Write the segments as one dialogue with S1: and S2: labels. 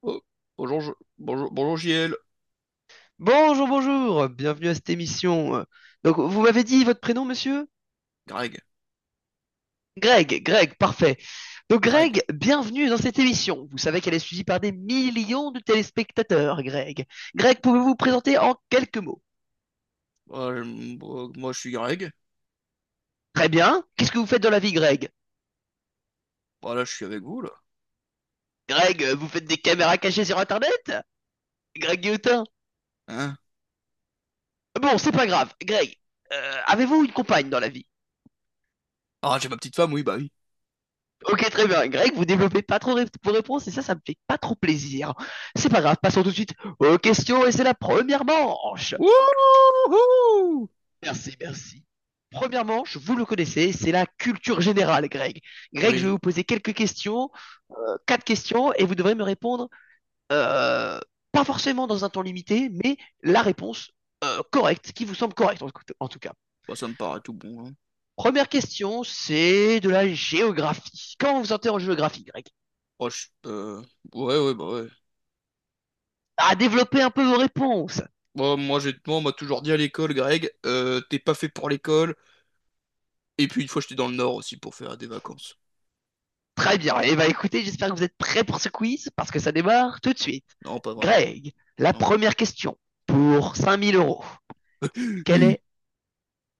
S1: Oh, bonjour, bonjour, bonjour JL.
S2: Bonjour, bonjour, bienvenue à cette émission. Donc, vous m'avez dit votre prénom, monsieur?
S1: Greg,
S2: Greg, parfait. Donc,
S1: Greg.
S2: Greg, bienvenue dans cette émission. Vous savez qu'elle est suivie par des millions de téléspectateurs, Greg. Greg, pouvez-vous vous présenter en quelques mots?
S1: Moi, je suis Greg.
S2: Très bien. Qu'est-ce que vous faites dans la vie, Greg?
S1: Voilà, je suis avec vous, là.
S2: Greg, vous faites des caméras cachées sur Internet? Greg Guillotin?
S1: Hein?
S2: Bon, c'est pas grave. Greg, avez-vous une compagne dans la vie?
S1: Ah, j'ai ma petite femme, oui, bah oui.
S2: Ok, très bien. Greg, vous développez pas trop vos réponses et ça me fait pas trop plaisir. C'est pas grave, passons tout de suite aux questions, et c'est la première manche.
S1: Wouhou!
S2: Merci, merci. Première manche, vous le connaissez, c'est la culture générale, Greg. Greg, je vais
S1: Oui,
S2: vous poser quelques questions, quatre questions, et vous devrez me répondre, euh, pas forcément dans un temps limité, mais la réponse correcte, qui vous semble correcte, en, en tout cas.
S1: bah ça me paraît tout bon, hein.
S2: Première question, c'est de la géographie. Comment vous sentez en géographie, Greg?
S1: moi je- euh, Ouais, ouais, bah ouais.
S2: À développer un peu vos réponses.
S1: Moi, on m'a toujours dit à l'école, Greg, t'es pas fait pour l'école. Et puis, une fois, j'étais dans le Nord aussi pour faire des vacances.
S2: Très bien. Et bah écoutez, j'espère que vous êtes prêts pour ce quiz parce que ça démarre tout de suite.
S1: Non, pas vraiment.
S2: Greg, la
S1: Non.
S2: première question pour 5000 euros. Quel
S1: Oui.
S2: est,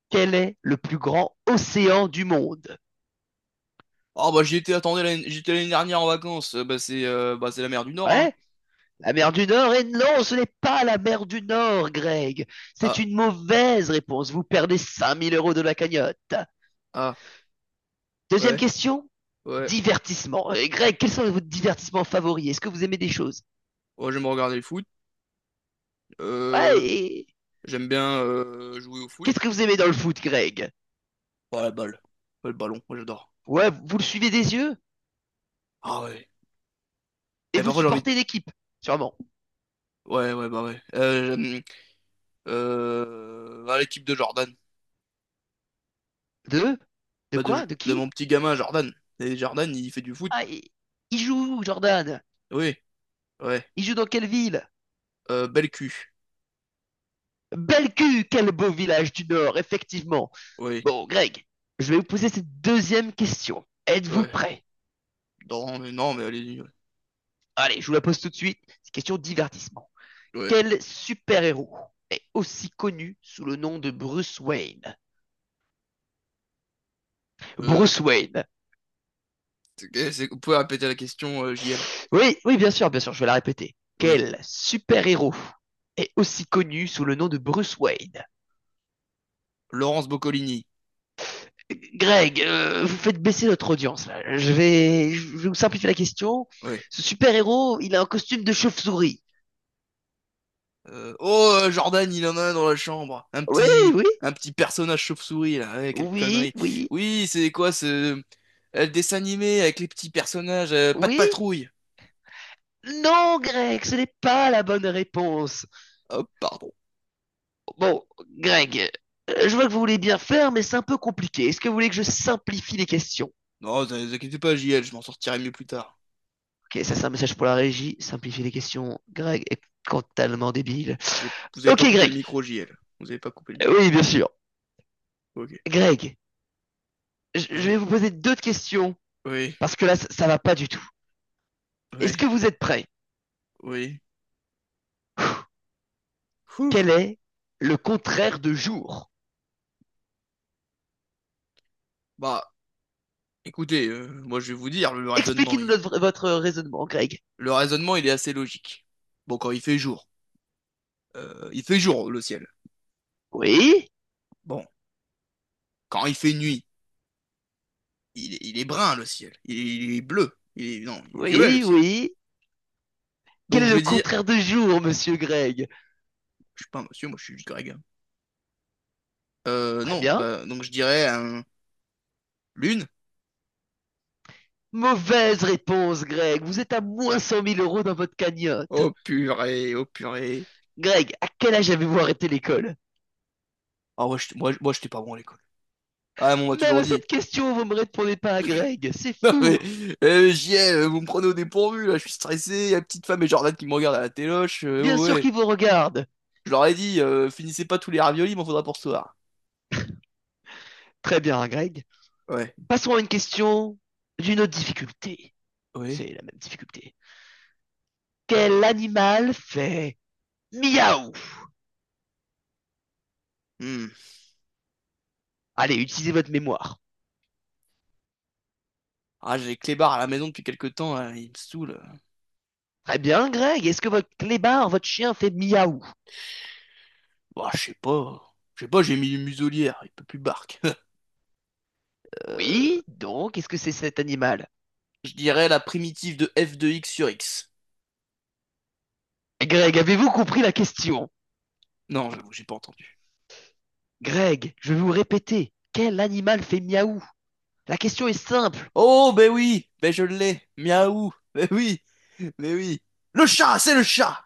S2: quel est le plus grand océan du monde?
S1: Ah, bah, j'y étais, attendez, j'y étais l'année dernière en vacances. Bah, c'est la mer du Nord, hein.
S2: Ouais, la mer du Nord. Et non, ce n'est pas la mer du Nord, Greg. C'est
S1: Ah,
S2: une mauvaise réponse. Vous perdez 5000 euros de la cagnotte.
S1: ah,
S2: Deuxième
S1: ouais,
S2: question,
S1: ouais.
S2: divertissement. Et Greg, quels sont vos divertissements favoris? Est-ce que vous aimez des choses?
S1: Ouais, j'aime regarder le foot.
S2: Ouais,
S1: Euh,
S2: et
S1: j'aime bien jouer au foot.
S2: qu'est-ce que vous aimez dans le foot, Greg?
S1: Ouais, la balle. Ouais, le ballon, moi j'adore.
S2: Ouais, vous le suivez des yeux?
S1: Ah ouais.
S2: Et
S1: Et
S2: vous
S1: parfois j'ai envie de...
S2: supportez l'équipe, sûrement.
S1: Ouais, ouais, bah ouais. À l'équipe de Jordan.
S2: De? De
S1: Bah
S2: quoi? De
S1: de mon
S2: qui?
S1: petit gamin Jordan. Et Jordan, il fait du foot.
S2: Ah, il joue où, Jordan?
S1: Oui, ouais.
S2: Il joue dans quelle ville?
S1: Bel cul.
S2: Belcu, quel beau village du Nord, effectivement.
S1: Oui,
S2: Bon, Greg, je vais vous poser cette deuxième question. Êtes-vous
S1: ouais.
S2: prêt?
S1: Non, mais non, mais allez-y. Ouais.
S2: Allez, je vous la pose tout de suite. C'est question divertissement.
S1: Ouais.
S2: Quel super-héros est aussi connu sous le nom de Bruce Wayne?
S1: Euh,
S2: Bruce Wayne.
S1: vous pouvez répéter la question, JL.
S2: Oui, oui, bien sûr, je vais la répéter.
S1: Oui.
S2: Quel super-héros est aussi connu sous le nom de Bruce Wayne?
S1: Laurence Boccolini.
S2: Greg, vous faites baisser notre audience, là. Je vais vous simplifier la question.
S1: Oui.
S2: Ce super-héros, il a un costume de chauve-souris.
S1: Oh, Jordan, il en a un dans la chambre.
S2: Oui, oui,
S1: Un petit personnage chauve-souris, là. Ouais, quelle
S2: oui,
S1: connerie.
S2: oui,
S1: Oui, c'est quoi ce... euh, Le dessin animé avec les petits personnages. Pas de
S2: oui.
S1: patrouille.
S2: Non, Greg, ce n'est pas la bonne réponse.
S1: Oh, pardon.
S2: Bon, Greg, je vois que vous voulez bien faire, mais c'est un peu compliqué. Est-ce que vous voulez que je simplifie les questions?
S1: Non, ne vous inquiétez pas, JL, je m'en sortirai mieux plus tard.
S2: Ok, ça c'est un message pour la régie. Simplifier les questions. Greg est totalement débile.
S1: J'ai... Vous avez
S2: Ok,
S1: pas coupé le
S2: Greg.
S1: micro, JL. Vous avez pas coupé le micro.
S2: Oui, bien sûr.
S1: Ok.
S2: Greg, je
S1: Oui,
S2: vais vous poser deux questions.
S1: oui,
S2: Parce que là, ça va pas du tout. Est-ce
S1: oui,
S2: que vous êtes prêts?
S1: oui. Ouh.
S2: Quel est le contraire de jour?
S1: Bah, écoutez, moi je vais vous dire,
S2: Expliquez-nous notre- votre raisonnement, Greg.
S1: le raisonnement, il est assez logique. Bon, quand il fait jour, le ciel.
S2: Oui,
S1: Bon, quand il fait nuit, il est brun le ciel. Il est bleu. Il est, non, il est violet le
S2: oui,
S1: ciel.
S2: oui. Quel
S1: Donc
S2: est
S1: je
S2: le
S1: vais dire,
S2: contraire de jour, monsieur Greg?
S1: je suis pas un monsieur, moi je suis Greg, hein.
S2: Très
S1: Non,
S2: bien.
S1: bah, donc je dirais un lune.
S2: Mauvaise réponse, Greg. Vous êtes à moins 100 000 euros dans votre cagnotte.
S1: Oh purée, oh purée.
S2: Greg, à quel âge avez-vous arrêté l'école?
S1: Ah ouais, moi j'étais pas bon à l'école. Ah, mais on m'a
S2: Même
S1: toujours
S2: à
S1: dit.
S2: cette question, vous ne me répondez pas, à Greg. C'est
S1: Non mais,
S2: fou.
S1: JL, vous me prenez au dépourvu là, je suis stressé, la petite femme et Jordan qui me regardent à la téloche,
S2: Bien
S1: oh
S2: sûr
S1: ouais.
S2: qu'il vous regarde.
S1: Je leur ai dit, finissez pas tous les raviolis, m'en faudra pour ce soir.
S2: Très bien, Greg.
S1: Ouais.
S2: Passons à une question d'une autre difficulté.
S1: Oui.
S2: C'est la même difficulté. Quel animal fait miaou?
S1: Hmm.
S2: Allez, utilisez votre mémoire.
S1: Ah, j'ai les clébards à la maison depuis quelque temps, hein, ils me saoulent.
S2: Très bien, Greg. Est-ce que votre clébard, votre chien, fait miaou?
S1: Bah, je sais pas. Je sais pas, j'ai mis une muselière, il peut plus barque. Euh,
S2: Oui, donc, est-ce que c'est cet animal?
S1: je dirais la primitive de f de x sur x.
S2: Greg, avez-vous compris la question?
S1: Non, j'avoue, j'ai pas entendu.
S2: Greg, je vais vous répéter. Quel animal fait miaou? La question est simple.
S1: Oh, ben oui, ben je l'ai. Miaou, ben oui, ben oui. Le chat, c'est le chat!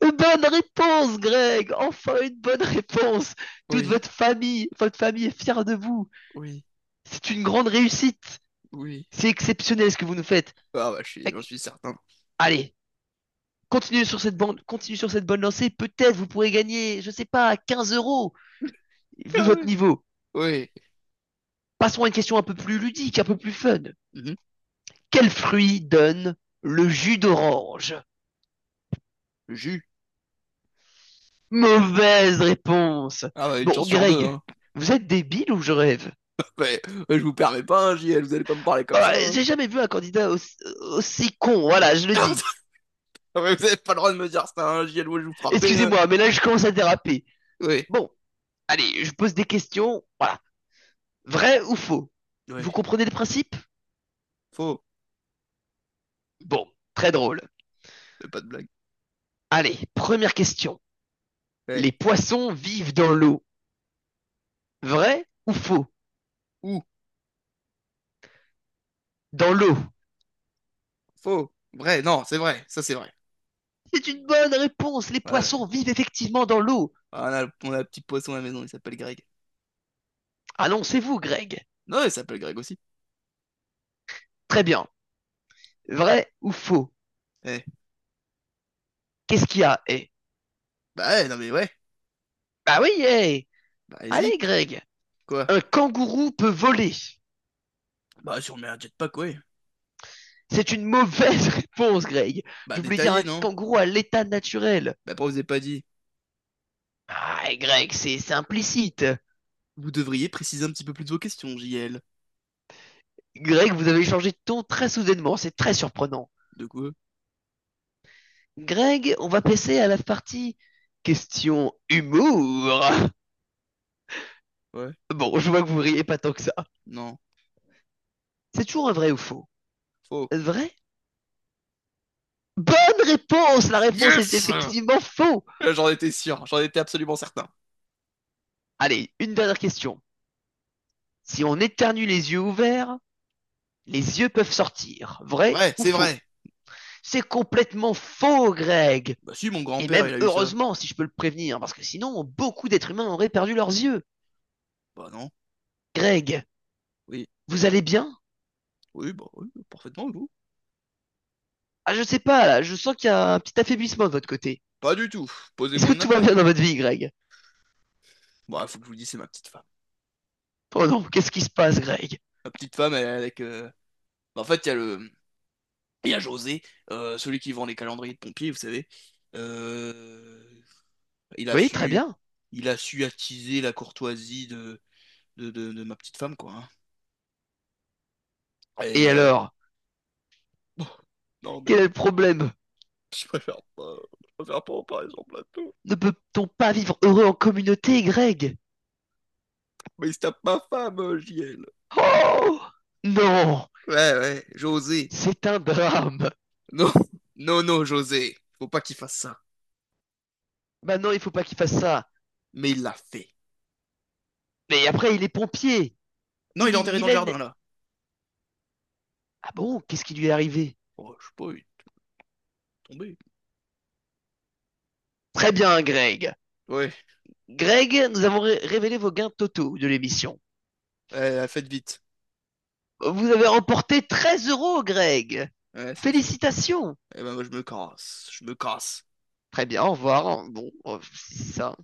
S2: Bonne réponse, Greg. Enfin une bonne réponse. Toute
S1: Oui,
S2: votre famille, votre famille est fière de vous.
S1: oui,
S2: C'est une grande réussite.
S1: oui.
S2: C'est exceptionnel ce que vous nous faites.
S1: Ah bah, j'en suis certain.
S2: Allez, continuez sur cette bande, continuez sur cette bonne lancée. Peut-être vous pourrez gagner, je sais pas, 15 euros, vu
S1: Ah
S2: votre
S1: ouais.
S2: niveau.
S1: Oui.
S2: Passons à une question un peu plus ludique, un peu plus fun.
S1: Mhm.
S2: Quel fruit donne le jus d'orange?
S1: Le jus.
S2: Mauvaise réponse.
S1: Ah bah, une chance
S2: Bon,
S1: sur deux,
S2: Greg,
S1: hein.
S2: vous êtes débile ou je rêve?
S1: Mais, mais je vous permets pas, hein, JL, vous allez pas me parler comme ça,
S2: Ah,
S1: hein.
S2: j'ai jamais vu un candidat aussi, aussi con, voilà, je le dis.
S1: Ah ouais, vous avez pas le droit de me dire ça, hein, JL, ouais, je vous frappais, hein.
S2: Excusez-moi, mais là je commence à déraper.
S1: Oui,
S2: Bon, allez, je pose des questions, voilà. Vrai ou faux?
S1: oui.
S2: Vous comprenez le principe?
S1: Faux.
S2: Bon, très drôle.
S1: C'est pas de blague.
S2: Allez, première question.
S1: Ouais.
S2: Les poissons vivent dans l'eau. Vrai ou faux?
S1: Ou,
S2: Dans l'eau.
S1: faux, vrai, non, c'est vrai, ça c'est vrai.
S2: C'est une bonne réponse. Les
S1: Ouais, ouais.
S2: poissons vivent effectivement dans l'eau.
S1: Ah, on a un petit poisson à la maison, il s'appelle Greg.
S2: Annoncez-vous, Greg.
S1: Non, il s'appelle Greg aussi.
S2: Très bien. Vrai ou faux?
S1: Eh,
S2: Qu'est-ce qu'il y a, eh?
S1: bah ouais, non mais ouais,
S2: Bah oui, eh!
S1: bah allez-y,
S2: Allez, Greg.
S1: quoi?
S2: Un kangourou peut voler.
S1: Bah si on met un jetpack, ouais.
S2: C'est une mauvaise réponse, Greg.
S1: Bah
S2: Je voulais dire
S1: détaillé,
S2: un
S1: non?
S2: kangourou à l'état naturel.
S1: Bah pourquoi vous avez pas dit?
S2: Ah, Greg, c'est implicite.
S1: Vous devriez préciser un petit peu plus de vos questions, JL.
S2: Greg, vous avez changé de ton très soudainement. C'est très surprenant.
S1: De quoi?
S2: Greg, on va passer à la partie question humour.
S1: Ouais,
S2: Bon, je vois que vous riez pas tant que ça.
S1: non,
S2: C'est toujours un vrai ou faux?
S1: faux.
S2: Vrai? Bonne réponse! La réponse est
S1: Yes!
S2: effectivement faux!
S1: Là, j'en étais sûr, j'en étais absolument certain.
S2: Allez, une dernière question. Si on éternue les yeux ouverts, les yeux peuvent sortir. Vrai
S1: Vrai,
S2: ou
S1: c'est
S2: faux?
S1: vrai.
S2: C'est complètement faux, Greg!
S1: Bah si, mon
S2: Et
S1: grand-père,
S2: même
S1: il a eu ça.
S2: heureusement, si je peux le prévenir, parce que sinon, beaucoup d'êtres humains auraient perdu leurs yeux.
S1: Bah non,
S2: Greg,
S1: oui,
S2: vous allez bien?
S1: oui, bah oui, parfaitement, vous.
S2: Ah, je sais pas, là, je sens qu'il y a un petit affaiblissement de votre côté.
S1: Pas du tout,
S2: Est-ce que
S1: posez-moi
S2: tout va bien
S1: n'importe
S2: dans
S1: quoi.
S2: votre vie, Greg?
S1: Bah, faut que je vous dise, c'est ma petite femme.
S2: Oh non, qu'est-ce qui se passe, Greg?
S1: La petite femme elle avec. Bah, en fait, il y a José, celui qui vend les calendriers de pompiers, vous savez. Euh, il a
S2: Oui, très
S1: su,
S2: bien.
S1: il a su attiser la courtoisie de, de ma petite femme, quoi, hein.
S2: Et
S1: Et euh,
S2: alors?
S1: bon, non
S2: Quel est
S1: mais
S2: le problème?
S1: je préfère pas, je préfère pas en parler sur le plateau.
S2: Ne peut-on pas vivre heureux en communauté, Greg?
S1: Mais il se tape ma femme, JL.
S2: Oh! Non!
S1: Ouais, ouais, José.
S2: C'est un drame!
S1: Non, non, non, José. Faut pas qu'il fasse ça.
S2: Maintenant, il faut pas qu'il fasse ça.
S1: Mais il l'a fait.
S2: Mais après, il est pompier.
S1: Non, il est enterré
S2: Il
S1: dans le
S2: a... une-
S1: jardin là.
S2: Ah bon? Qu'est-ce qui lui est arrivé?
S1: Oh, je sais pas, il est tombé.
S2: Très bien, Greg.
S1: Ouais,
S2: Greg, nous avons révélé vos gains totaux de l'émission.
S1: ouais, faites vite.
S2: Vous avez remporté 13 euros, Greg.
S1: Ouais, c'est ça.
S2: Félicitations.
S1: Eh ben, moi, je me casse. Je me casse.
S2: Très bien, au revoir. Bon, c'est ça.